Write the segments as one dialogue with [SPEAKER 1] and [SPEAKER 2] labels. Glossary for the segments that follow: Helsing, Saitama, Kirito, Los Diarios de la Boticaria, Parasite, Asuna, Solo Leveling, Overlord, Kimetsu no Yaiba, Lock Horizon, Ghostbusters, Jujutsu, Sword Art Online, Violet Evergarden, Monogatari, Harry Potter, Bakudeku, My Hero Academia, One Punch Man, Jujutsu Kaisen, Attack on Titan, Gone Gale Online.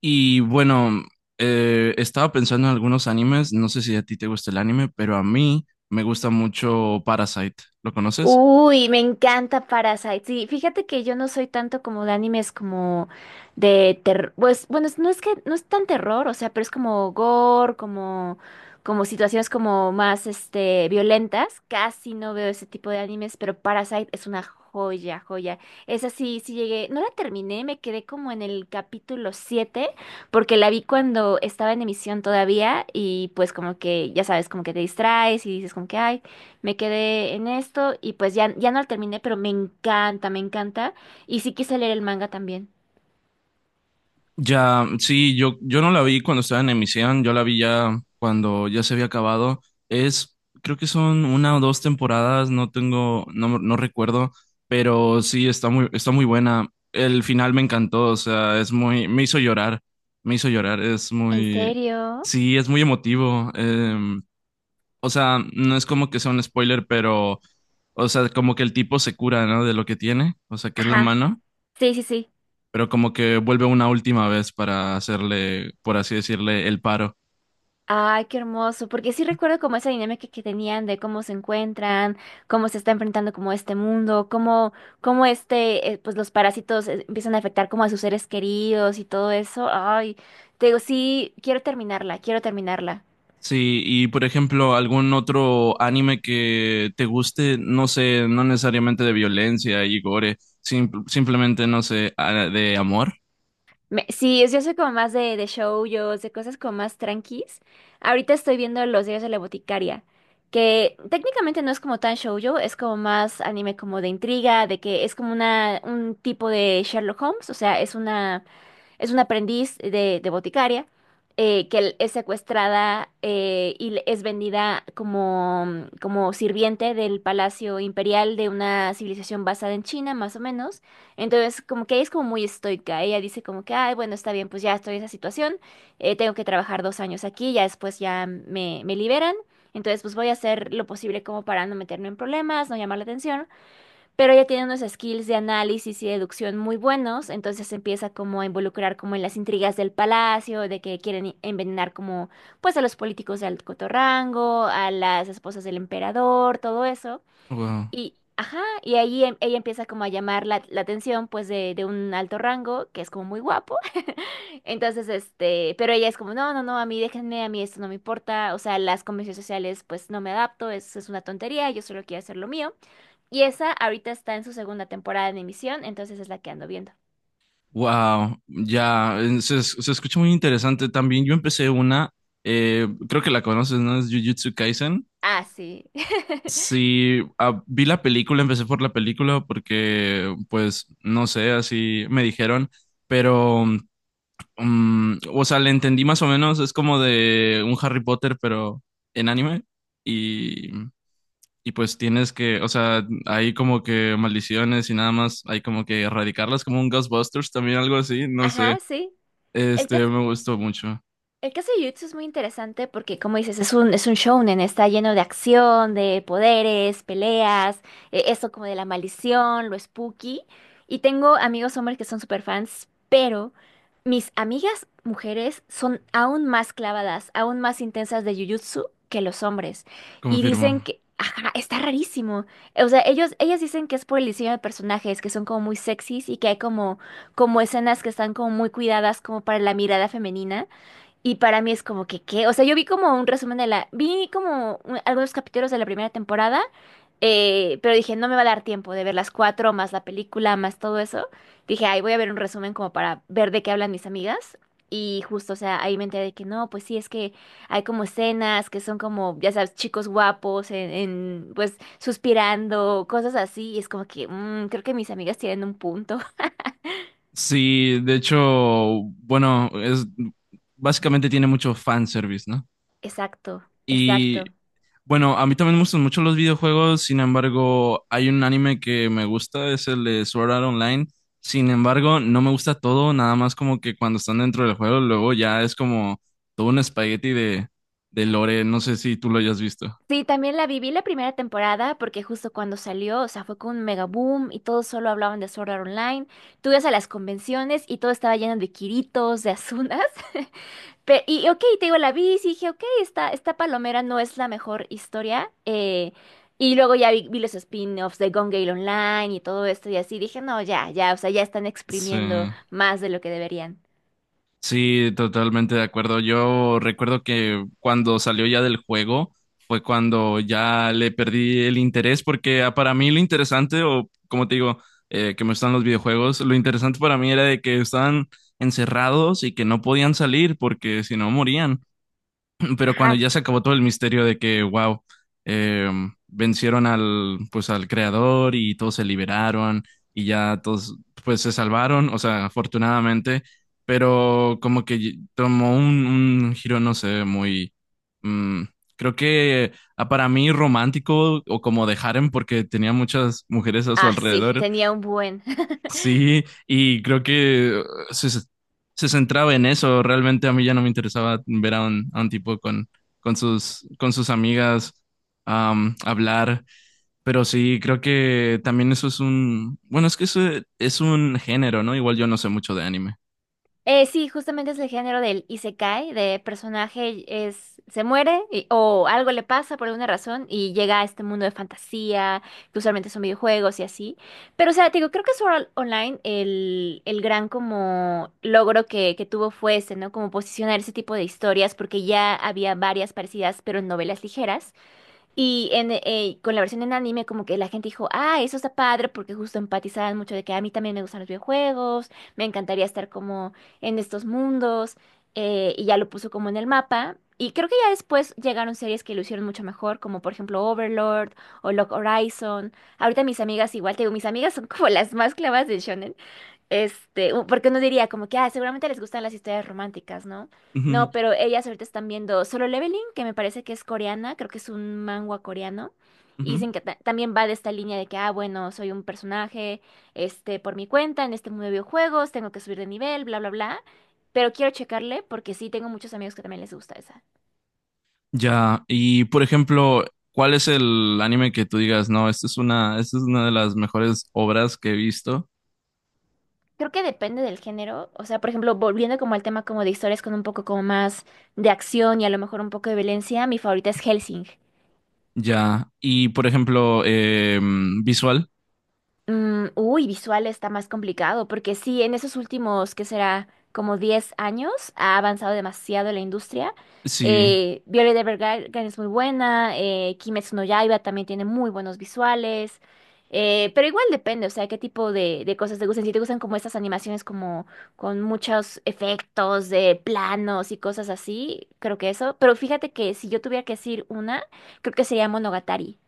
[SPEAKER 1] Y bueno, estaba pensando en algunos animes, no sé si a ti te gusta el anime, pero a mí me gusta mucho Parasite. ¿Lo conoces?
[SPEAKER 2] Uy, me encanta Parasite. Sí, fíjate que yo no soy tanto como de animes como de terror. Pues bueno, no es que no es tan terror, o sea, pero es como gore, como situaciones como más este violentas. Casi no veo ese tipo de animes, pero Parasite es una joya, joya. Esa sí, sí llegué, no la terminé, me quedé como en el capítulo 7 porque la vi cuando estaba en emisión todavía y pues como que ya sabes, como que te distraes y dices como que ay me quedé en esto y pues ya, ya no lo terminé, pero me encanta, me encanta. Y sí quise leer el manga también.
[SPEAKER 1] Ya, sí, yo no la vi cuando estaba en emisión, yo la vi ya cuando ya se había acabado. Es, creo que son una o dos temporadas, no tengo, no recuerdo, pero sí, está muy buena. El final me encantó, o sea, me hizo llorar, es
[SPEAKER 2] ¿En
[SPEAKER 1] muy,
[SPEAKER 2] serio?
[SPEAKER 1] sí, es muy emotivo. O sea, no es como que sea un spoiler, pero, o sea, como que el tipo se cura, ¿no? De lo que tiene, o sea, que es la
[SPEAKER 2] Ajá.
[SPEAKER 1] mano,
[SPEAKER 2] Sí, sí, sí.
[SPEAKER 1] pero como que vuelve una última vez para hacerle, por así decirle, el paro.
[SPEAKER 2] Ay, qué hermoso, porque sí recuerdo como esa dinámica que tenían de cómo se encuentran, cómo se está enfrentando como este mundo, cómo este, pues los parásitos empiezan a afectar como a sus seres queridos y todo eso. Ay, te digo, sí, quiero terminarla, quiero terminarla.
[SPEAKER 1] Sí, y por ejemplo, algún otro anime que te guste, no sé, no necesariamente de violencia y gore, simplemente, no sé, de amor.
[SPEAKER 2] Sí, yo soy como más de shoujos, de cosas como más tranquis. Ahorita estoy viendo Los Diarios de la Boticaria, que técnicamente no es como tan shoujo, es como más anime como de intriga, de que es como una, un tipo de Sherlock Holmes, o sea, es una aprendiz de boticaria que es secuestrada y es vendida como, como sirviente del palacio imperial de una civilización basada en China, más o menos. Entonces, como que ella es como muy estoica. Ella dice como que, ay, bueno, está bien, pues ya estoy en esa situación, tengo que trabajar 2 años aquí, ya después ya me liberan. Entonces, pues voy a hacer lo posible como para no meterme en problemas, no llamar la atención pero ella tiene unos skills de análisis y deducción muy buenos, entonces se empieza como a involucrar como en las intrigas del palacio, de que quieren envenenar como pues a los políticos de alto rango, a las esposas del emperador, todo eso.
[SPEAKER 1] Wow.
[SPEAKER 2] Y, ajá, y ahí ella empieza como a llamar la, la atención pues de un alto rango, que es como muy guapo. Entonces, este, pero ella es como, no, no, no, a mí déjenme, a mí esto no me importa, o sea, las convenciones sociales pues no me adapto, es una tontería, yo solo quiero hacer lo mío. Y esa ahorita está en su segunda temporada en emisión, entonces es la que ando viendo.
[SPEAKER 1] Wow, ya, se escucha muy interesante también. Yo empecé una, creo que la conoces, ¿no? Es Jujutsu Kaisen.
[SPEAKER 2] Ah, sí.
[SPEAKER 1] Sí, ah, vi la película, empecé por la película porque, pues, no sé, así me dijeron, pero, o sea, le entendí más o menos, es como de un Harry Potter, pero en anime, y, y pues tienes que, o sea, hay como que maldiciones y nada más, hay como que erradicarlas, como un Ghostbusters, también algo así, no sé,
[SPEAKER 2] Ajá, sí. El que,
[SPEAKER 1] este, me gustó mucho,
[SPEAKER 2] El caso de Jujutsu es muy interesante porque, como dices, es un shounen, está lleno de acción, de poderes, peleas, eso como de la maldición, lo spooky. Y tengo amigos hombres que son super fans, pero mis amigas mujeres son aún más clavadas, aún más intensas de Jujutsu que los hombres. Y
[SPEAKER 1] confirmo.
[SPEAKER 2] dicen que, ajá, está rarísimo. O sea, ellas dicen que es por el diseño de personajes, que son como muy sexys y que hay como, como escenas que están como muy cuidadas como para la mirada femenina. Y para mí es como que, ¿qué? O sea, yo vi como un resumen de la... Vi como algunos capítulos de la primera temporada, pero dije, no me va a dar tiempo de ver las cuatro, más la película, más todo eso. Dije, ay, voy a ver un resumen como para ver de qué hablan mis amigas. Y justo, o sea, ahí me enteré de que no, pues sí, es que hay como escenas que son como, ya sabes, chicos guapos, pues suspirando, cosas así. Y es como que, creo que mis amigas tienen un punto.
[SPEAKER 1] Sí, de hecho, bueno, es, básicamente tiene mucho fanservice, ¿no?
[SPEAKER 2] Exacto,
[SPEAKER 1] Y
[SPEAKER 2] exacto.
[SPEAKER 1] bueno, a mí también me gustan mucho los videojuegos, sin embargo, hay un anime que me gusta, es el de Sword Art Online. Sin embargo, no me gusta todo, nada más como que cuando están dentro del juego, luego ya es como todo un espagueti de lore, no sé si tú lo hayas visto.
[SPEAKER 2] Sí, también la viví la primera temporada porque justo cuando salió, o sea, fue con un mega boom y todos solo hablaban de Sword Art Online. Tú ibas a las convenciones y todo estaba lleno de Kiritos, de Asunas. Y ok, te digo, la vi y sí dije, ok, esta palomera no es la mejor historia. Y luego ya vi, vi los spin-offs de Gone Gale Online y todo esto y así. Dije, no, ya, ya, o sea, ya están
[SPEAKER 1] Sí.
[SPEAKER 2] exprimiendo más de lo que deberían.
[SPEAKER 1] Sí, totalmente de acuerdo. Yo recuerdo que cuando salió ya del juego fue cuando ya le perdí el interés porque para mí lo interesante, o como te digo, que me gustan los videojuegos, lo interesante para mí era de que estaban encerrados y que no podían salir porque si no morían, pero cuando
[SPEAKER 2] Ajá.
[SPEAKER 1] ya se acabó todo el misterio de que, wow, eh, vencieron al, pues, al creador y todos se liberaron y ya todos, pues, se salvaron, o sea, afortunadamente, pero como que tomó un giro, no sé, muy, mm, creo que para mí romántico o como de harem porque tenía muchas mujeres a su
[SPEAKER 2] Ah, sí,
[SPEAKER 1] alrededor.
[SPEAKER 2] tenía un buen.
[SPEAKER 1] Sí, y creo que se centraba en eso. Realmente a mí ya no me interesaba ver a un tipo con sus amigas hablar. Pero sí, creo que también eso es un, bueno, es que eso e, es un género, ¿no? Igual yo no sé mucho de anime.
[SPEAKER 2] Sí, justamente es el género del isekai, de personaje es, se o algo le pasa por alguna razón y llega a este mundo de fantasía, que usualmente son videojuegos y así. Pero, o sea, te digo, creo que Sword Art Online, el gran como logro que tuvo fue este, ¿no? Como posicionar ese tipo de historias, porque ya había varias parecidas, pero en novelas ligeras. Y con la versión en anime, como que la gente dijo, ah, eso está padre, porque justo empatizaban mucho de que a mí también me gustan los videojuegos, me encantaría estar como en estos mundos, y ya lo puso como en el mapa. Y creo que ya después llegaron series que lo hicieron mucho mejor, como por ejemplo Overlord o Lock Horizon. Ahorita mis amigas igual, te digo, mis amigas son como las más clavas de shonen, este, porque uno diría como que, ah, seguramente les gustan las historias románticas, ¿no?
[SPEAKER 1] Ujú,
[SPEAKER 2] No, pero ellas ahorita están viendo Solo Leveling, que me parece que es coreana, creo que es un manhwa coreano, y
[SPEAKER 1] ujú.
[SPEAKER 2] dicen que también va de esta línea de que, ah, bueno, soy un personaje, este, por mi cuenta, en este mundo de videojuegos, tengo que subir de nivel, bla, bla, bla, pero quiero checarle porque sí tengo muchos amigos que también les gusta esa.
[SPEAKER 1] Ya, y por ejemplo, ¿cuál es el anime que tú digas, no, esta es una de las mejores obras que he visto?
[SPEAKER 2] Creo que depende del género, o sea, por ejemplo, volviendo como al tema como de historias con un poco como más de acción y a lo mejor un poco de violencia, mi favorita es Helsing.
[SPEAKER 1] Ya, y por ejemplo, visual.
[SPEAKER 2] Uy, visual está más complicado, porque sí, en esos últimos, ¿qué será? Como 10 años, ha avanzado demasiado la industria.
[SPEAKER 1] Sí,
[SPEAKER 2] Violet Evergarden es muy buena, Kimetsu no Yaiba también tiene muy buenos visuales, pero igual depende, o sea, qué tipo de cosas te gustan. Si te gustan como estas animaciones como con muchos efectos de planos y cosas así, creo que eso. Pero fíjate que si yo tuviera que decir una, creo que sería Monogatari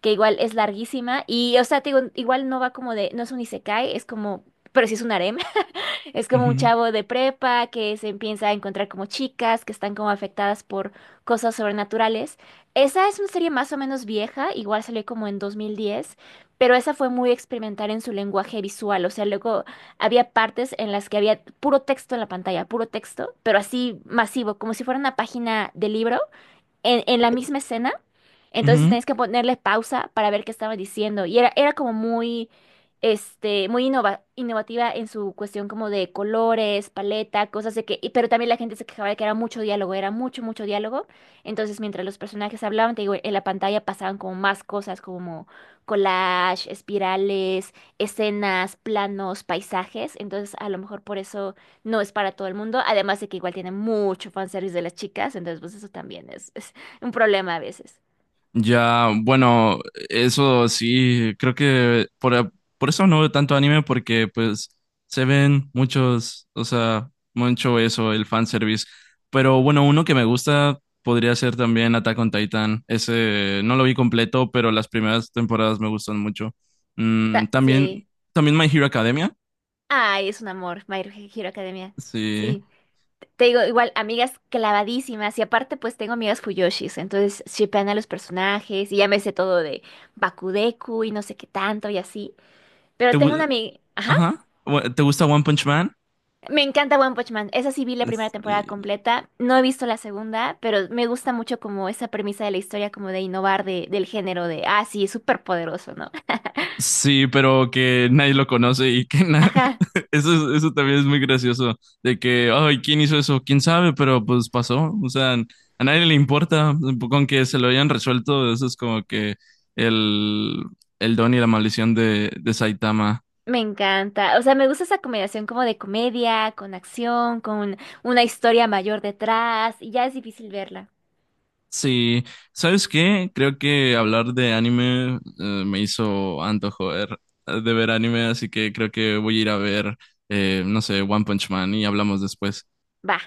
[SPEAKER 2] que igual es larguísima y, o sea, te digo, igual no va como de, no es un isekai, es como, pero sí es un harem, es como un
[SPEAKER 1] ujú,
[SPEAKER 2] chavo de prepa que se empieza a encontrar como chicas que están como afectadas por cosas sobrenaturales. Esa es una serie más o menos vieja, igual salió como en 2010, pero esa fue muy experimental en su lenguaje visual, o sea, luego había partes en las que había puro texto en la pantalla, puro texto, pero así masivo, como si fuera una página de libro en la misma escena. Entonces
[SPEAKER 1] ujú.
[SPEAKER 2] tenías que ponerle pausa para ver qué estaba diciendo. Y era, era como muy, este, muy innovativa en su cuestión como de colores, paleta, cosas de que... pero también la gente se quejaba de que era mucho diálogo, era mucho, mucho diálogo. Entonces mientras los personajes hablaban, te digo, en la pantalla pasaban como más cosas como collage, espirales, escenas, planos, paisajes. Entonces a lo mejor por eso no es para todo el mundo. Además de que igual tiene mucho fanservice de las chicas. Entonces pues eso también es... Un problema a veces.
[SPEAKER 1] Ya, bueno, eso sí, creo que por, por eso no veo tanto anime porque pues se ven muchos, o sea, mucho eso, el fanservice. Pero bueno, uno que me gusta podría ser también Attack on Titan. Ese no lo vi completo, pero las primeras temporadas me gustan mucho. Mm, también,
[SPEAKER 2] Sí.
[SPEAKER 1] también My Hero Academia.
[SPEAKER 2] Ay, es un amor, My Hero Academia.
[SPEAKER 1] Sí.
[SPEAKER 2] Sí. Te digo, igual, amigas clavadísimas. Y aparte, pues tengo amigas Fuyoshis. Entonces, shippean a los personajes. Y ya me sé todo de Bakudeku y no sé qué tanto y así.
[SPEAKER 1] ¿Te,
[SPEAKER 2] Pero tengo una
[SPEAKER 1] gu-
[SPEAKER 2] amiga. Ajá.
[SPEAKER 1] ajá. Bueno, ¿te gusta One Punch Man?
[SPEAKER 2] Me encanta One Punch Man. Esa sí vi la primera temporada
[SPEAKER 1] Sí.
[SPEAKER 2] completa. No he visto la segunda, pero me gusta mucho como esa premisa de la historia, como de innovar de, del género de, ah, sí, es súper poderoso, ¿no?
[SPEAKER 1] Sí, pero que nadie lo conoce y que
[SPEAKER 2] Ajá.
[SPEAKER 1] Eso también es muy gracioso, de que, ay, ¿quién hizo eso? ¿Quién sabe? Pero pues pasó, o sea, a nadie le importa, con que se lo hayan resuelto, eso es como que el, el don y la maldición de Saitama.
[SPEAKER 2] Me encanta. O sea, me gusta esa combinación como de comedia, con acción, con una historia mayor detrás, y ya es difícil verla.
[SPEAKER 1] Sí, ¿sabes qué? Creo que hablar de anime me hizo antojo de ver anime, así que creo que voy a ir a ver, no sé, One Punch Man y hablamos después.
[SPEAKER 2] Va.